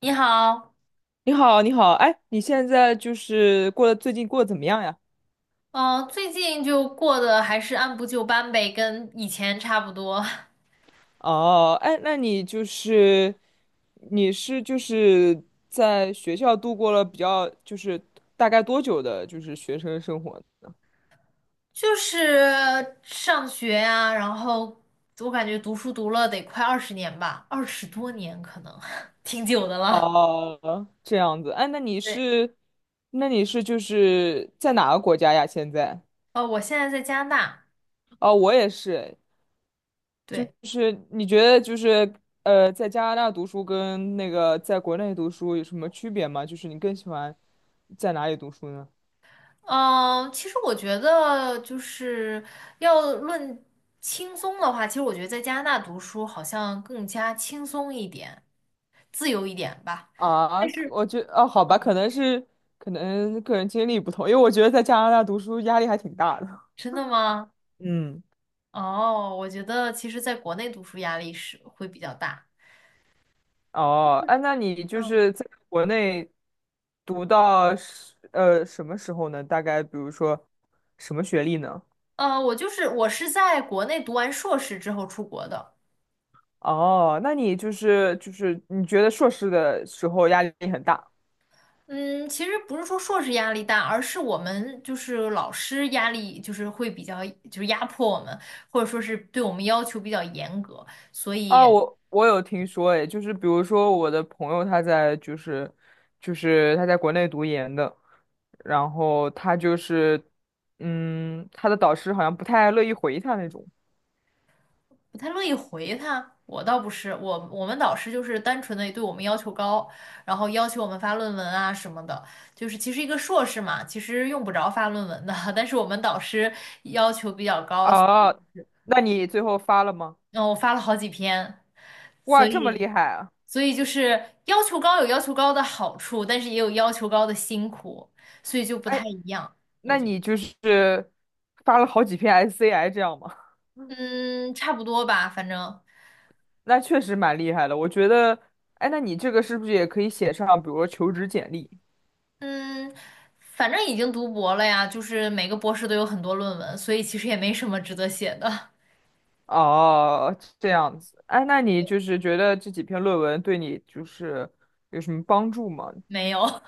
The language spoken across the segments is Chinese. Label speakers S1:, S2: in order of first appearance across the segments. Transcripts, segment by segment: S1: 你好，
S2: 你好，你好，哎，你现在就是过得最近过得怎么样呀？
S1: 嗯、最近就过得还是按部就班呗，跟以前差不多，
S2: 哦，哎，那你是就是在学校度过了比较大概多久的，就是学生生活呢？
S1: 就是上学呀、然后我感觉读书读了得快20年吧，20多年可能，挺久的了。
S2: 哦，这样子，哎，那你
S1: 对，
S2: 是那你是就是在哪个国家呀？现在？
S1: 我现在在加拿大，
S2: 哦，我也是，就
S1: 对，
S2: 是你觉得在加拿大读书跟那个在国内读书有什么区别吗？就是你更喜欢在哪里读书呢？
S1: 嗯、其实我觉得就是要论轻松的话，其实我觉得在加拿大读书好像更加轻松一点，自由一点吧。
S2: 啊，
S1: 但
S2: 可
S1: 是
S2: 我觉哦，好吧，可能个人经历不同，因为我觉得在加拿大读书压力还挺大的。
S1: 真的吗？
S2: 嗯，
S1: 哦，我觉得其实在国内读书压力是会比较大。
S2: 哦，哎，那你就
S1: 嗯
S2: 是在国内读到什么时候呢？大概比如说什么学历呢？
S1: 我就是是在国内读完硕士之后出国的。
S2: 哦，那你就是你觉得硕士的时候压力很大？
S1: 嗯，其实不是说硕士压力大，而是我们就是老师压力就是会比较就是压迫我们，或者说是对我们要求比较严格，所以
S2: 啊，我有听说，哎，就是比如说我的朋友他在就是就是他在国内读研的，然后他就是嗯，他的导师好像不太乐意回他那种。
S1: 不太乐意回他。我倒不是，我们导师就是单纯的对我们要求高，然后要求我们发论文啊什么的。就是其实一个硕士嘛，其实用不着发论文的，但是我们导师要求比较高，所以
S2: 哦，那你最后发了吗？
S1: 嗯，我发了好几篇，
S2: 哇，
S1: 所
S2: 这么
S1: 以
S2: 厉害啊！
S1: 就是要求高有要求高的好处，但是也有要求高的辛苦，所以就不太
S2: 哎，
S1: 一样，我
S2: 那
S1: 觉得，
S2: 你就是发了好几篇 SCI 这样吗？
S1: 嗯，差不多吧，反正。
S2: 那确实蛮厉害的，我觉得。哎，那你这个是不是也可以写上，比如说求职简历？
S1: 嗯，反正已经读博了呀，就是每个博士都有很多论文，所以其实也没什么值得写的，
S2: 哦，这样子。哎，那你就是觉得这几篇论文对你就是有什么帮助吗？
S1: 没有，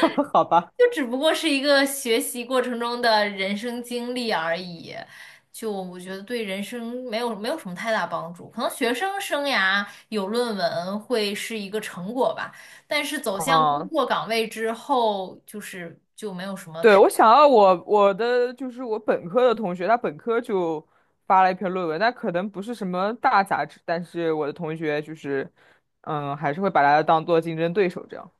S2: 好吧，
S1: 就只不过是一个学习过程中的人生经历而已。就我觉得对人生没有什么太大帮助，可能学生生涯有论文会是一个成果吧，但是走向工
S2: 嗯，
S1: 作岗位之后，就是就没有什么
S2: 对，
S1: 太
S2: 我的就是我本科的同学，他本科就发了一篇论文，但可能不是什么大杂志，但是我的同学就是，嗯，还是会把它当做竞争对手，这样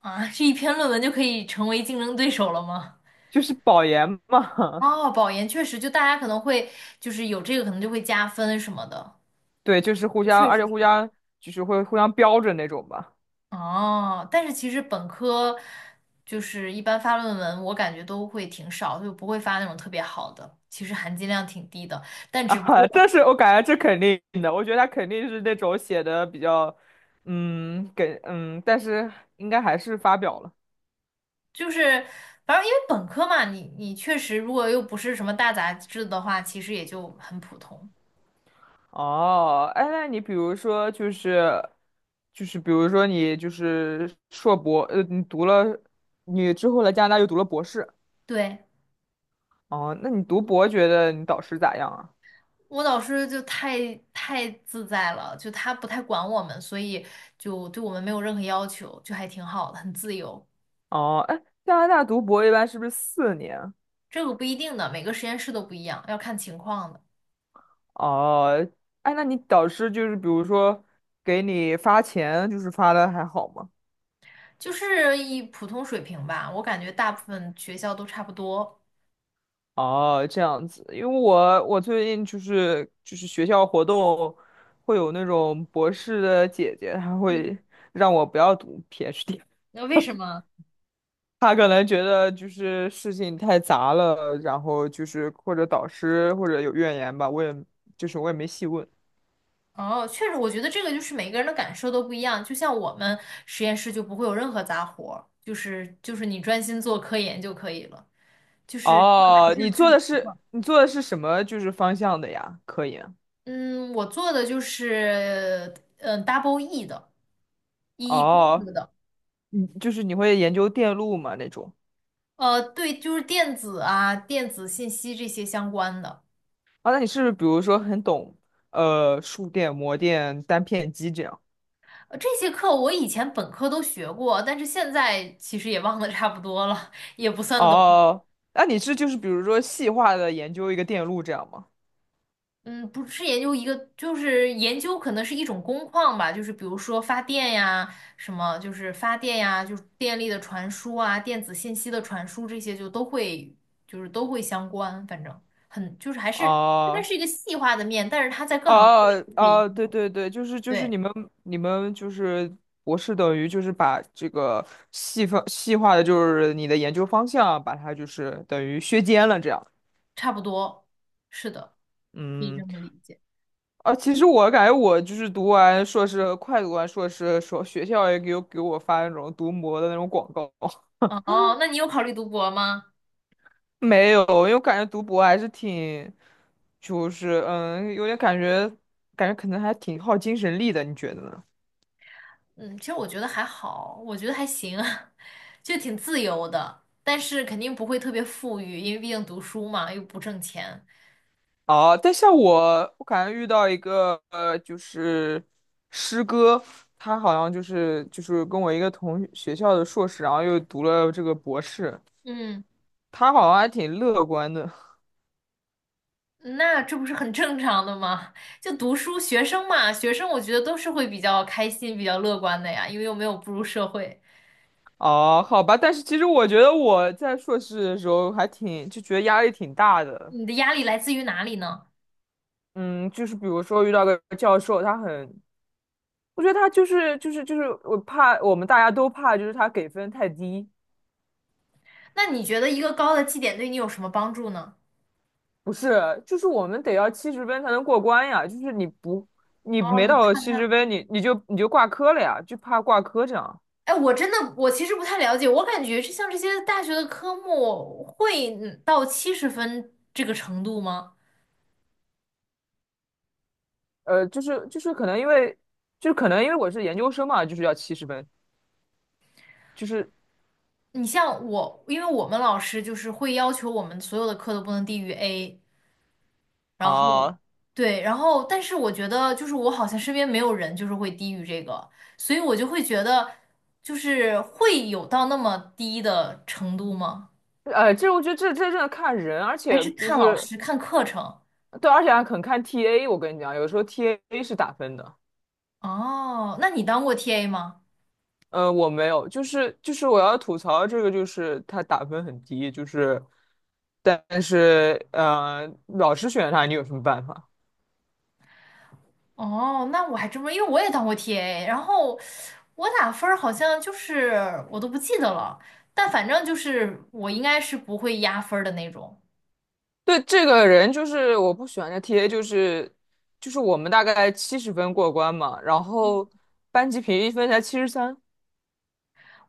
S1: 啊，这一篇论文就可以成为竞争对手了吗？
S2: 就是保研嘛，
S1: 哦，保研确实，就大家可能会就是有这个，可能就会加分什么的。
S2: 对，就是互相，
S1: 确
S2: 而
S1: 实
S2: 且
S1: 是。
S2: 互相就是会互相标着那种吧。
S1: 哦，但是其实本科就是一般发论文，我感觉都会挺少，就不会发那种特别好的，其实含金量挺低的。但只不
S2: 啊，
S1: 过
S2: 但是我感觉这肯定的，我觉得他肯定是那种写的比较，但是应该还是发表了。
S1: 就是，反正因为本科嘛，你确实如果又不是什么大杂志的话，其实也就很普通。
S2: 哦，哎，那你比如说比如说你就是硕博，你读了，你之后来加拿大又读了博士，
S1: 对。
S2: 哦，那你读博觉得你导师咋样啊？
S1: 我老师就太自在了，就他不太管我们，所以就对我们没有任何要求，就还挺好的，很自由。
S2: 哦，哎，加拿大读博一般是不是4年？
S1: 这个不一定的，每个实验室都不一样，要看情况的，
S2: 哦，哎，那你导师就是比如说给你发钱，就是发的还好吗？
S1: 就是一普通水平吧。我感觉大部分学校都差不多。
S2: 哦，这样子，因为我最近就是学校活动会有那种博士的姐姐，她
S1: 嗯，
S2: 会让我不要读 PhD，
S1: 那为什么？
S2: 她可能觉得就是事情太杂了，然后就是或者导师或者有怨言吧，我也没细问。
S1: 哦，确实，我觉得这个就是每个人的感受都不一样。就像我们实验室就不会有任何杂活儿，就是就是你专心做科研就可以了，就是。是
S2: 哦，你
S1: 要看
S2: 做的
S1: 情
S2: 是
S1: 况。
S2: 你做的是什么就是方向的呀？科研？
S1: 嗯，我做的就是嗯 double E 的，EE 公
S2: 哦，
S1: 司的，
S2: 你就是你会研究电路吗那种？
S1: 对，就是电子啊、电子信息这些相关的。
S2: 啊，那你是不是比如说很懂数电、模电、单片机这样？
S1: 这些课我以前本科都学过，但是现在其实也忘得差不多了，也不
S2: 哦哦
S1: 算懂。
S2: 哦，那你是就是比如说细化的研究一个电路这样吗？
S1: 嗯，不是研究一个，就是研究可能是一种工况吧，就是比如说发电呀，什么就是发电呀，就是电力的传输啊，电子信息的传输这些就都会，就是都会相关，反正很就是还是它
S2: 哦
S1: 是一个细化的面，但是它在各
S2: 哦
S1: 行各业都可以，
S2: 哦，哦对对对，就是
S1: 对，
S2: 你们就是博士等于就是把这个细分细化的就是你的研究方向，把它就是等于削尖了这样。
S1: 差不多，是的，可以
S2: 嗯，
S1: 这么理解。
S2: 啊，其实我感觉我就是读完硕士，快读完硕士的时候，学校也给我发那种读模的那种广告。
S1: 哦，那你有考虑读博吗？
S2: 没有，因为我感觉读博还是挺，有点感觉，感觉可能还挺耗精神力的，你觉得呢？
S1: 嗯，其实我觉得还好，我觉得还行，就挺自由的，但是肯定不会特别富裕，因为毕竟读书嘛，又不挣钱。
S2: 哦，但像我，我感觉遇到一个就是师哥，他好像就是跟我一个同学校的硕士，然后又读了这个博士，
S1: 嗯，
S2: 他好像还挺乐观的。
S1: 那这不是很正常的吗？就读书，学生嘛，学生我觉得都是会比较开心、比较乐观的呀，因为又没有步入社会。
S2: 哦，好吧，但是其实我觉得我在硕士的时候还挺，就觉得压力挺大的。
S1: 你的压力来自于哪里呢？
S2: 嗯，就是比如说遇到个教授，我觉得他我怕我们大家都怕，就是他给分太低，
S1: 那你觉得一个高的绩点对你有什么帮助呢？
S2: 不是，就是我们得要七十分才能过关呀，就是你
S1: 哦，
S2: 没
S1: 你
S2: 到
S1: 看
S2: 七十
S1: 看。
S2: 分，你就挂科了呀，就怕挂科这样。
S1: 哎，我真的，我其实不太了解，我感觉这像这些大学的科目会嗯到70分这个程度吗？
S2: 就是可能因为我是研究生嘛，就是要七十分，就是
S1: 你像我，因为我们老师就是会要求我们所有的课都不能低于 A，然后
S2: 啊，
S1: 对，然后但是我觉得就是我好像身边没有人就是会低于这个，所以我就会觉得就是会有到那么低的程度吗？
S2: 这我觉得这真的看人，而
S1: 还
S2: 且
S1: 是
S2: 就
S1: 看老
S2: 是
S1: 师看课程？
S2: 对，而且还很看 TA，我跟你讲，有时候 TA 是打分的。
S1: 哦，那你当过 TA 吗？
S2: 我没有，就是我要吐槽这个，就是他打分很低，就是，但是老师选他，你有什么办法？
S1: 哦，那我还真不，因为我也当过 TA，然后我打分儿好像就是我都不记得了，但反正就是我应该是不会压分儿的那种。
S2: 对这个人，就是我不喜欢的 TA，就是我们大概七十分过关嘛，然后班级平均分才73，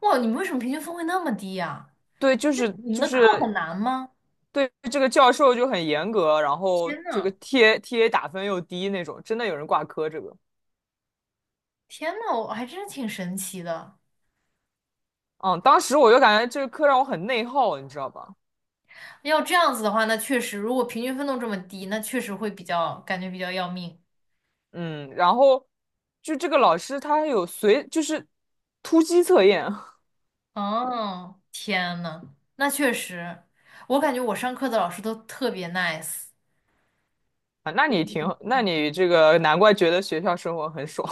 S1: 哇，你们为什么平均分会那么低呀？
S2: 对，就是
S1: 你们
S2: 就
S1: 的课很
S2: 是
S1: 难吗？
S2: 对这个教授就很严格，然后
S1: 天
S2: 这
S1: 呐，
S2: 个 TA 打分又低那种，真的有人挂科这个，
S1: 天呐，我还真是挺神奇的。
S2: 嗯，当时我就感觉这个课让我很内耗，你知道吧？
S1: 要这样子的话，那确实，如果平均分都这么低，那确实会比较感觉比较要命。
S2: 嗯，然后就这个老师他有随就是突击测验 啊，
S1: 哦，天呐，那确实，我感觉我上课的老师都特别 nice。
S2: 那你这个难怪觉得学校生活很爽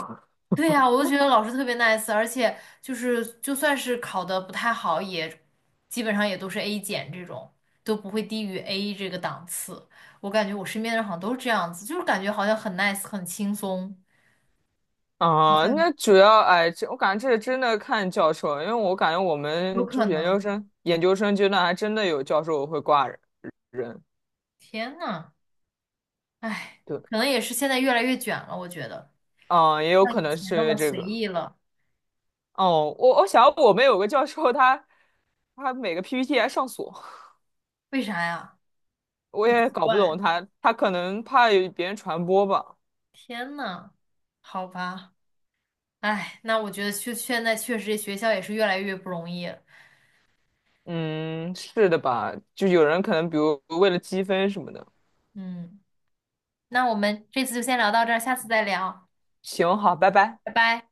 S1: 对呀，我就觉得老师特别 nice，而且就是就算是考的不太好，也基本上也都是 A 减这种，都不会低于 A 这个档次。我感觉我身边的人好像都是这样子，就是感觉好像很 nice，很轻松，好
S2: 啊。
S1: 像
S2: 那主要哎，这我感觉这真的看教授，因为我感觉我
S1: 有
S2: 们就
S1: 可
S2: 是研
S1: 能。
S2: 究生研究生阶段还真的有教授会挂人，
S1: 天呐，唉，
S2: 对，
S1: 可能也是现在越来越卷了，我觉得
S2: 嗯，也有
S1: 像以
S2: 可能
S1: 前
S2: 是因
S1: 那么
S2: 为这
S1: 随
S2: 个。
S1: 意了，
S2: 哦，我想我们有个教授他每个 PPT 还上锁，
S1: 为啥呀？
S2: 我
S1: 好
S2: 也
S1: 奇
S2: 搞不
S1: 怪。
S2: 懂他，他可能怕有别人传播吧。
S1: 天呐，好吧，唉，那我觉得确现在确实这学校也是越来越不容易了
S2: 嗯，是的吧？就有人可能比如为了积分什么的。
S1: 嗯。那我们这次就先聊到这儿，下次再聊，
S2: 行，好，拜拜。
S1: 拜拜。